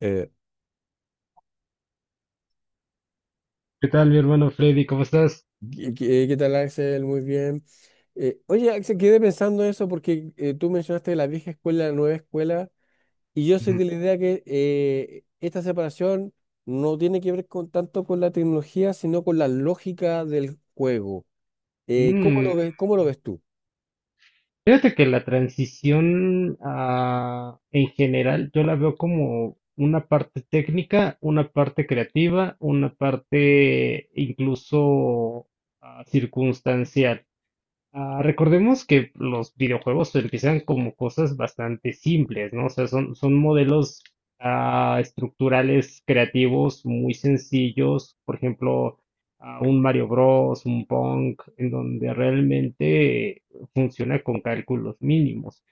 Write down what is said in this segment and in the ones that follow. Eh, ¿Qué tal, mi hermano Freddy? ¿Cómo estás? ¿Qué tal, Axel? Muy bien. Oye, Axel, quedé pensando eso porque tú mencionaste la vieja escuela, la nueva escuela, y yo soy Ujú. de la idea que esta separación no tiene que ver con, tanto con la tecnología, sino con la lógica del juego. ¿Cómo Mm, lo ves, cómo lo ves tú? fíjate que la transición, en general, yo la veo como una parte técnica, una parte creativa, una parte incluso, circunstancial. Recordemos que los videojuegos empiezan como cosas bastante simples, ¿no? O sea, son modelos estructurales creativos muy sencillos, por ejemplo, un Mario Bros, un Pong, en donde realmente funciona con cálculos mínimos,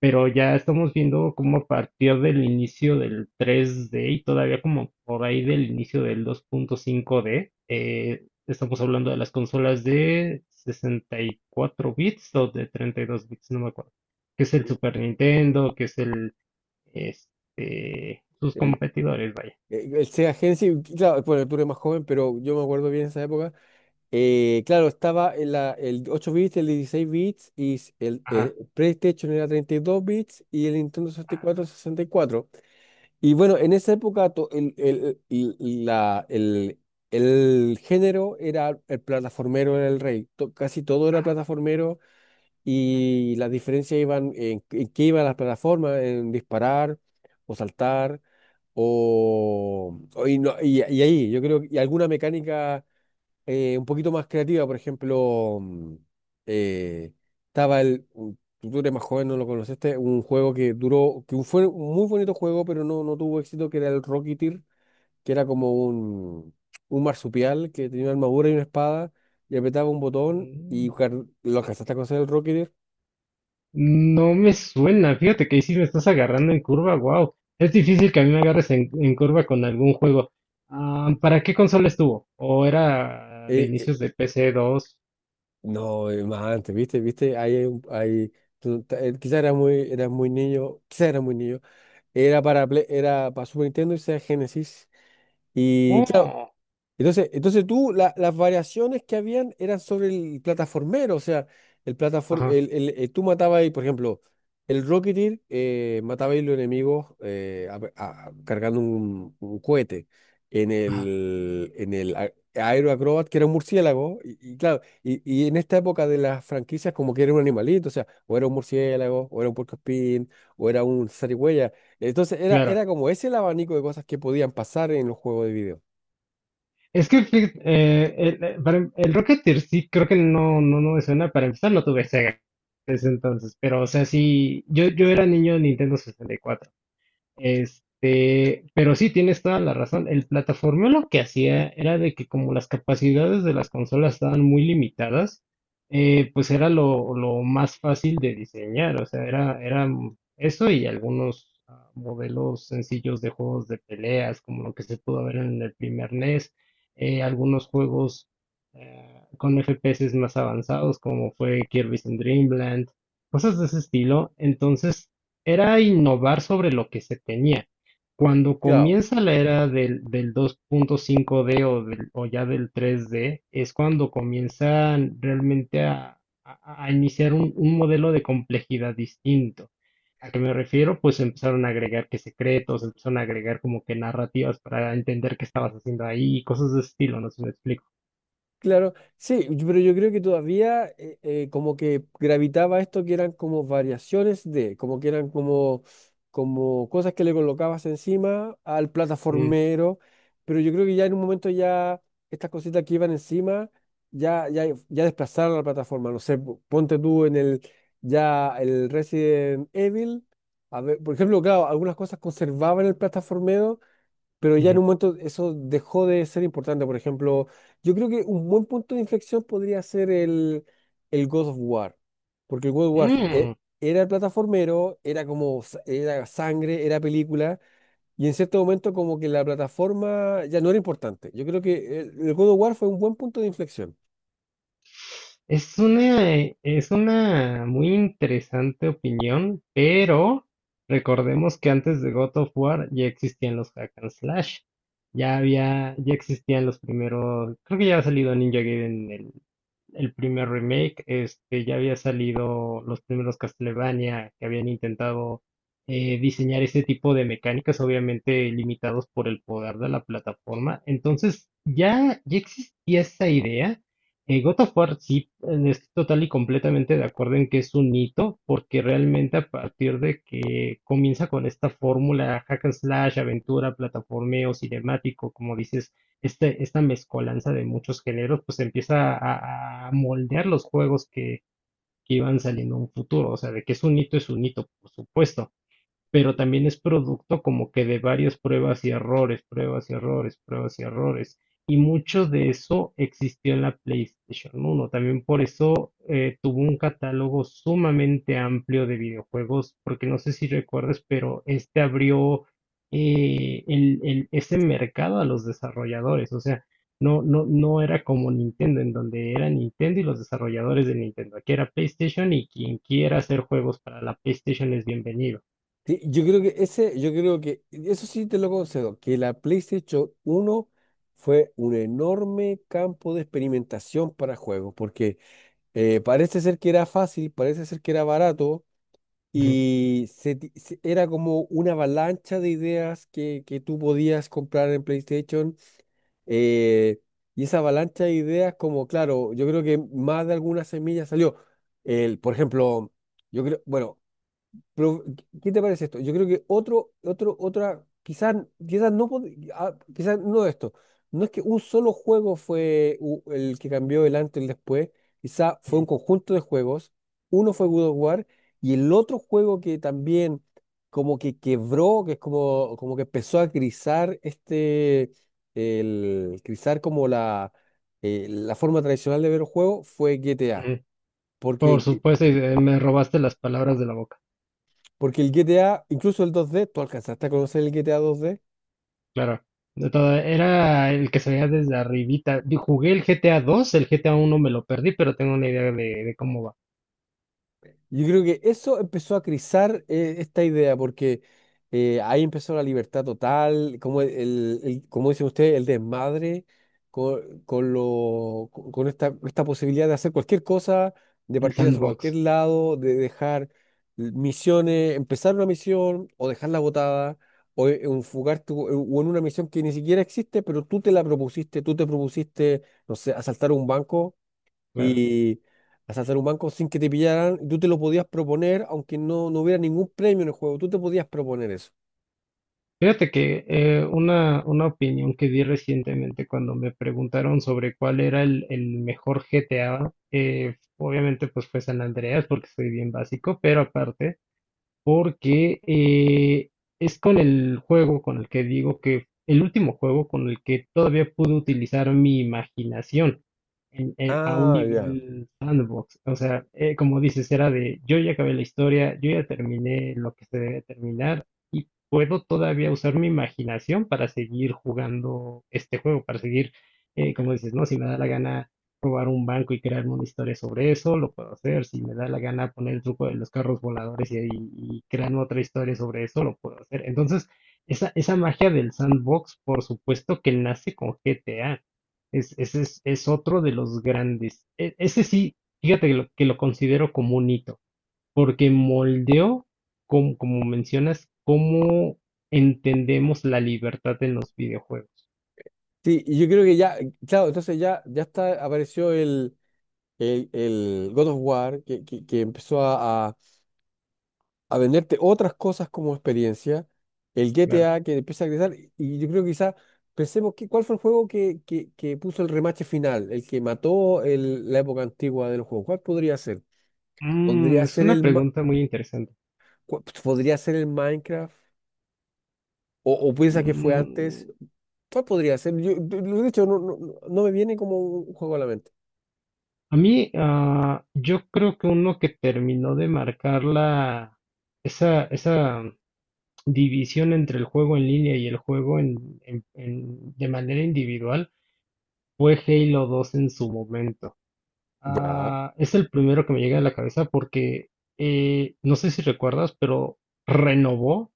pero ya estamos viendo como a partir del inicio del 3D y todavía como por ahí del inicio del 2.5D. Estamos hablando de las consolas de 64 bits o de 32 bits, no me acuerdo, que es el Super Nintendo, que es el, sus El, competidores, vaya. el Sega Genesis, claro, bueno, tú eres más joven, pero yo me acuerdo bien esa época. Claro, estaba en el 8 bits, el 16 bits, y el Ajá. PlayStation era 32 bits y el Nintendo 64 sesenta y cuatro. Y bueno, en esa época el género era el plataformero, era el rey. To- casi todo era plataformero y las diferencias iban en qué iban las plataformas, en disparar o saltar. O- y, no- y ahí, yo creo, y alguna mecánica un poquito más creativa. Por ejemplo, eh, estaba tú eres más joven, no lo conociste. Un juego que duró. Que fue un muy bonito juego, pero no, no tuvo éxito, que era el Rocketeer, que era como un marsupial que tenía una armadura y una espada, y apretaba un botón y Mm, lo alcanzaste a conocer el Rocketeer. no me suena, fíjate que ahí sí me estás agarrando en curva, wow. Es difícil que a mí me agarres en curva con algún juego. Ah, ¿para qué consola estuvo? ¿O era de Eh, eh, inicios de PC 2? no, más antes, ¿viste? ¿Viste? Ahí hay. Un- hay tú- ta- Quizá era muy niño, quizá era muy niño. Era para, era para Super Nintendo y sea Genesis. Y claro, Oh, entonces, entonces tú, las variaciones que habían eran sobre el plataformero, o sea, el plataform, ajá, el- tú matabas ahí, por ejemplo, el Rocketeer mataba ahí los enemigos cargando un cohete. En ajá, el Aero Acrobat, que era un murciélago, y claro, y en esta época de las franquicias, como que era un animalito, o sea, o era un murciélago, o era un puercoespín, o era un zarigüeya. Entonces, era, claro. era como ese el abanico de cosas que podían pasar en los juegos de video. Es que el Rocketeer sí creo que no me suena. Para empezar no tuve Sega en ese entonces, pero o sea, sí, yo era niño de Nintendo 64. Pero sí, tienes toda la razón. El plataformeo lo que hacía era de que como las capacidades de las consolas estaban muy limitadas, pues era lo más fácil de diseñar. O sea, era eso y algunos modelos sencillos de juegos de peleas, como lo que se pudo ver en el primer NES, algunos juegos con FPS más avanzados, como fue Kirby's in Dreamland, cosas de ese estilo. Entonces, era innovar sobre lo que se tenía. Cuando Claro. comienza la era del 2.5D o ya del 3D, es cuando comienzan realmente a iniciar un modelo de complejidad distinto. ¿A qué me refiero? Pues empezaron a agregar que secretos, empezaron a agregar como que narrativas para entender qué estabas haciendo ahí, cosas de ese estilo, no sé si me explico. Claro, sí, yo- pero yo creo que todavía como que gravitaba esto que eran como variaciones de, como que eran como, como cosas que le colocabas encima al Mm, plataformero, pero yo creo que ya en un momento ya estas cositas que iban encima ya, ya, ya desplazaron la plataforma, no sé, po- ponte tú en el, ya el Resident Evil, a ver, por ejemplo, claro, algunas cosas conservaban el plataformero pero ya en ujú. un momento eso dejó de ser importante. Por ejemplo, yo creo que un buen punto de inflexión podría ser el God of War, porque el God of War Mm. era plataformero, era como, era sangre, era película, y en cierto momento como que la plataforma ya no era importante. Yo creo que el God of War fue un buen punto de inflexión. Es una muy interesante opinión, pero recordemos que antes de God of War ya existían los hack and slash. Ya había, ya existían los primeros, creo que ya había salido Ninja Gaiden el primer remake, ya había salido los primeros Castlevania que habían intentado diseñar ese tipo de mecánicas, obviamente limitados por el poder de la plataforma. Entonces, ya existía esa idea. God of War sí, estoy total y completamente de acuerdo en que es un hito, porque realmente a partir de que comienza con esta fórmula hack and slash, aventura, plataformeo, cinemático, como dices, esta mezcolanza de muchos géneros, pues empieza a moldear los juegos que iban saliendo en un futuro. O sea, de que es un hito, por supuesto, pero también es producto como que de varias pruebas y errores, pruebas y errores, pruebas y errores. Y mucho de eso existió en la PlayStation uno. También por eso tuvo un catálogo sumamente amplio de videojuegos, porque no sé si recuerdas, pero este abrió ese mercado a los desarrolladores. O sea, no era como Nintendo, en donde era Nintendo y los desarrolladores de Nintendo. Aquí era PlayStation y quien quiera hacer juegos para la PlayStation es bienvenido. Sí, yo creo que ese, yo creo que, eso sí te lo concedo, que la PlayStation uno fue un enorme campo de experimentación para juegos, porque parece ser que era fácil, parece ser que era barato y era como una avalancha de ideas que tú podías comprar en PlayStation. eh, y esa avalancha de ideas, como claro, yo creo que más de alguna semilla salió. El, por ejemplo, yo creo, bueno, pero, ¿qué te parece esto? Yo creo que otro, otro, otra, quizás, quizás no, quizás no esto. No es que un solo juego fue el que cambió el antes y el después. Quizás fue un Ujú, conjunto de juegos. Uno fue God of War y el otro juego que también como que quebró, que es como, como que empezó a grisar este, el grisar como la, la forma tradicional de ver un juego fue GTA. ujú. Por Porque supuesto, y me robaste las palabras de la boca. Porque el GTA, incluso el 2D, tú alcanzaste a conocer el GTA 2D. Claro. De todo, era el que se veía desde arribita. Yo jugué el GTA 2, el GTA 1 me lo perdí, pero tengo una idea de cómo va. Yo creo que eso empezó a crizar esta idea, porque ahí empezó la libertad total, como, como dice usted, el desmadre con lo, con esta, esta posibilidad de hacer cualquier cosa, de El partir hacia sandbox, cualquier lado, de dejar misiones, empezar una misión o dejarla botada. O enfocarte o en una misión que ni siquiera existe, pero tú te la propusiste, tú te propusiste no sé, asaltar un banco claro. y hasta hacer un banco sin que te pillaran, y tú te lo podías proponer, aunque no, no hubiera ningún premio en el juego, tú te podías proponer eso. Fíjate que una opinión que di recientemente cuando me preguntaron sobre cuál era el mejor GTA, obviamente pues fue San Andreas porque soy bien básico, pero aparte porque es con el juego con el que digo que el último juego con el que todavía pude utilizar mi imaginación a un Ah, ya. nivel sandbox. O sea, como dices, era de yo ya acabé la historia, yo ya terminé lo que se debe terminar y puedo todavía usar mi imaginación para seguir jugando este juego, para seguir, como dices, ¿no? Si me da la gana robar un banco y crearme una historia sobre eso, lo puedo hacer. Si me da la gana poner el truco de los carros voladores y, crearme otra historia sobre eso, lo puedo hacer. Entonces, esa magia del sandbox, por supuesto que nace con GTA. Es, ese es otro de los grandes. Ese sí, fíjate que que lo considero como un hito, porque moldeó, como, como mencionas, cómo entendemos la libertad en los videojuegos. Sí, y yo creo que ya, claro, entonces ya, ya está, apareció el God of War, que empezó a venderte otras cosas como experiencia, el Claro. GTA que empieza a crecer, y yo creo que quizás pensemos que, cuál fue el juego que puso el remache final, el que mató la época antigua del juego, ¿cuál podría ser? Podría Mm, es ser una el, pregunta muy interesante. ¿Podría ser el Minecraft? O piensa que fue antes? Mm, ¿Cuál podría ser? Yo, de- lo he dicho, no, no, no no me viene como un juego a la mente. A mí, yo creo que uno que terminó de marcar esa división entre el juego en línea y el juego de manera individual fue Halo 2 en su momento. Ya, Ah, es el primero que me llega a la cabeza porque no sé si recuerdas, pero renovó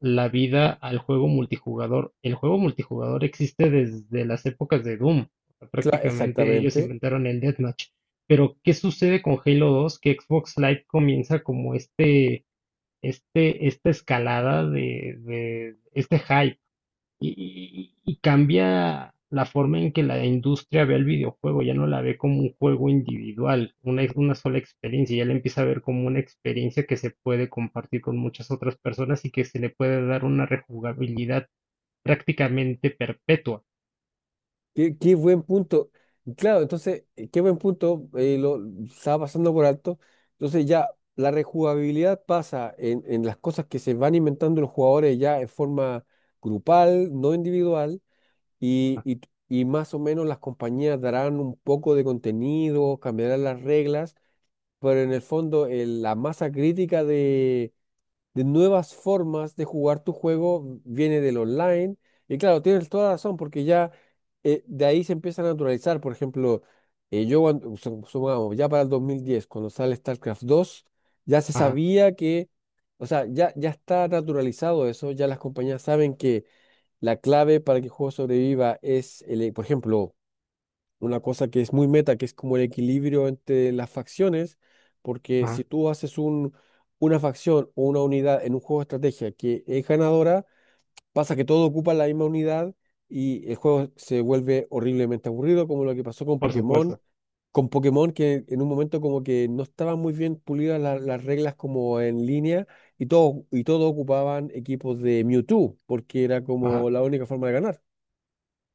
la vida al juego multijugador. El juego multijugador existe desde las épocas de Doom. O sea, claro, prácticamente ellos exactamente. inventaron el Deathmatch. Pero, ¿qué sucede con Halo 2? Que Xbox Live comienza como esta escalada de este hype y cambia la forma en que la industria ve el videojuego, ya no la ve como un juego individual, una sola experiencia, ya la empieza a ver como una experiencia que se puede compartir con muchas otras personas y que se le puede dar una rejugabilidad prácticamente perpetua. Qué, qué buen punto. Claro, entonces, qué buen punto. Lo estaba pasando por alto. Entonces ya la rejugabilidad pasa en las cosas que se van inventando los jugadores ya en forma grupal, no individual, y, y y más o menos las compañías darán un poco de contenido, cambiarán las reglas pero en el fondo la masa crítica de nuevas formas de jugar tu juego viene del online. Y claro, tienes toda razón, porque ya de ahí se empieza a naturalizar. Por ejemplo, yo cuando, su- supongamos, ya para el 2010 cuando sale StarCraft 2 ya se Ajá, sabía que, o sea, ya, ya está naturalizado eso, ya las compañías saben que la clave para que el juego sobreviva es, el, por ejemplo, una cosa que es muy meta, que es como el equilibrio entre las facciones, porque si ajá, tú haces un, una facción o una unidad en un juego de estrategia que es ganadora, pasa que todo ocupa la misma unidad y el juego se vuelve horriblemente aburrido, como lo que pasó con por Pokémon. supuesto. Con Pokémon que en un momento como que no estaban muy bien pulidas las reglas como en línea y todo ocupaban equipos de Mewtwo porque era Ajá. como la única forma de ganar.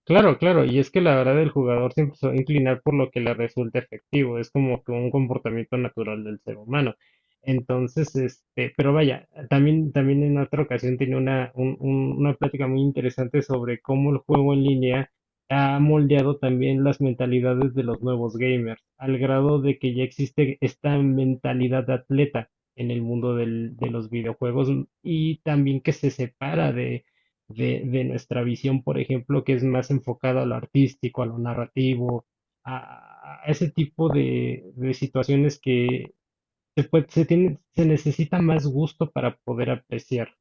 Claro, claro, y es que la verdad el jugador siempre se va a inclinar por lo que le resulta efectivo, es como que un comportamiento natural del ser humano. Entonces, pero vaya, también, también en otra ocasión tiene una plática muy interesante sobre cómo el juego en línea ha moldeado también las mentalidades de los nuevos gamers, al grado de que ya existe esta mentalidad de atleta en el mundo de los videojuegos y también que se separa de nuestra visión, por ejemplo, que es más enfocada a lo artístico, a lo narrativo, a ese tipo de situaciones que se, puede- se, tiene, se necesita más gusto para poder apreciar.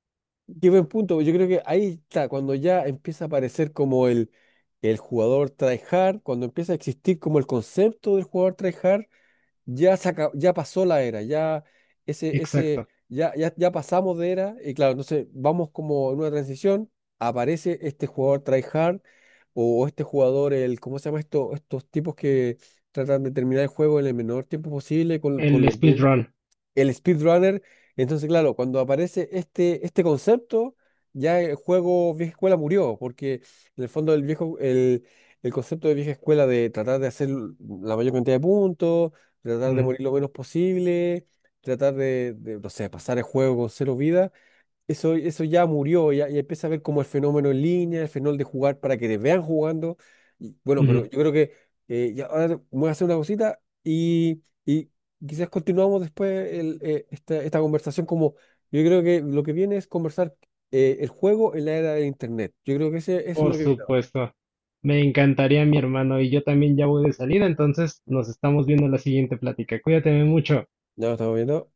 Qué buen punto. Yo creo que ahí está, cuando ya empieza a aparecer como el jugador tryhard, cuando empieza a existir como el concepto del jugador tryhard, ya pasó la era, ya ese, Exacto. ya, ya, ya pasamos de era, y claro, entonces vamos como en una transición, aparece este jugador tryhard, o este jugador, el, ¿cómo se llama esto? Estos tipos que tratan de terminar el juego en el menor tiempo posible con El los, speedrun. el speedrunner. Entonces, claro, cuando aparece este, este concepto, ya el juego vieja escuela murió, porque en el fondo el viejo, el concepto de vieja escuela de tratar de hacer la mayor cantidad de puntos, tratar de Ujú, morir lo menos posible, tratar de, no sé, pasar el juego con cero vidas eso, eso ya murió, ya, ya empieza a ver como el fenómeno en línea, el fenómeno de jugar para que te vean jugando. Y, bueno, pero ujú. yo creo que ya ahora voy a hacer una cosita y quizás continuamos después el, esta, esta conversación como yo creo que lo que viene es conversar el juego en la era de Internet. Yo creo que ese, eso es Por lo que viene ahora. supuesto. Me encantaría, mi hermano, y yo también ya voy de salida, entonces nos estamos viendo en la siguiente plática. Cuídate mucho. Ya lo estamos viendo.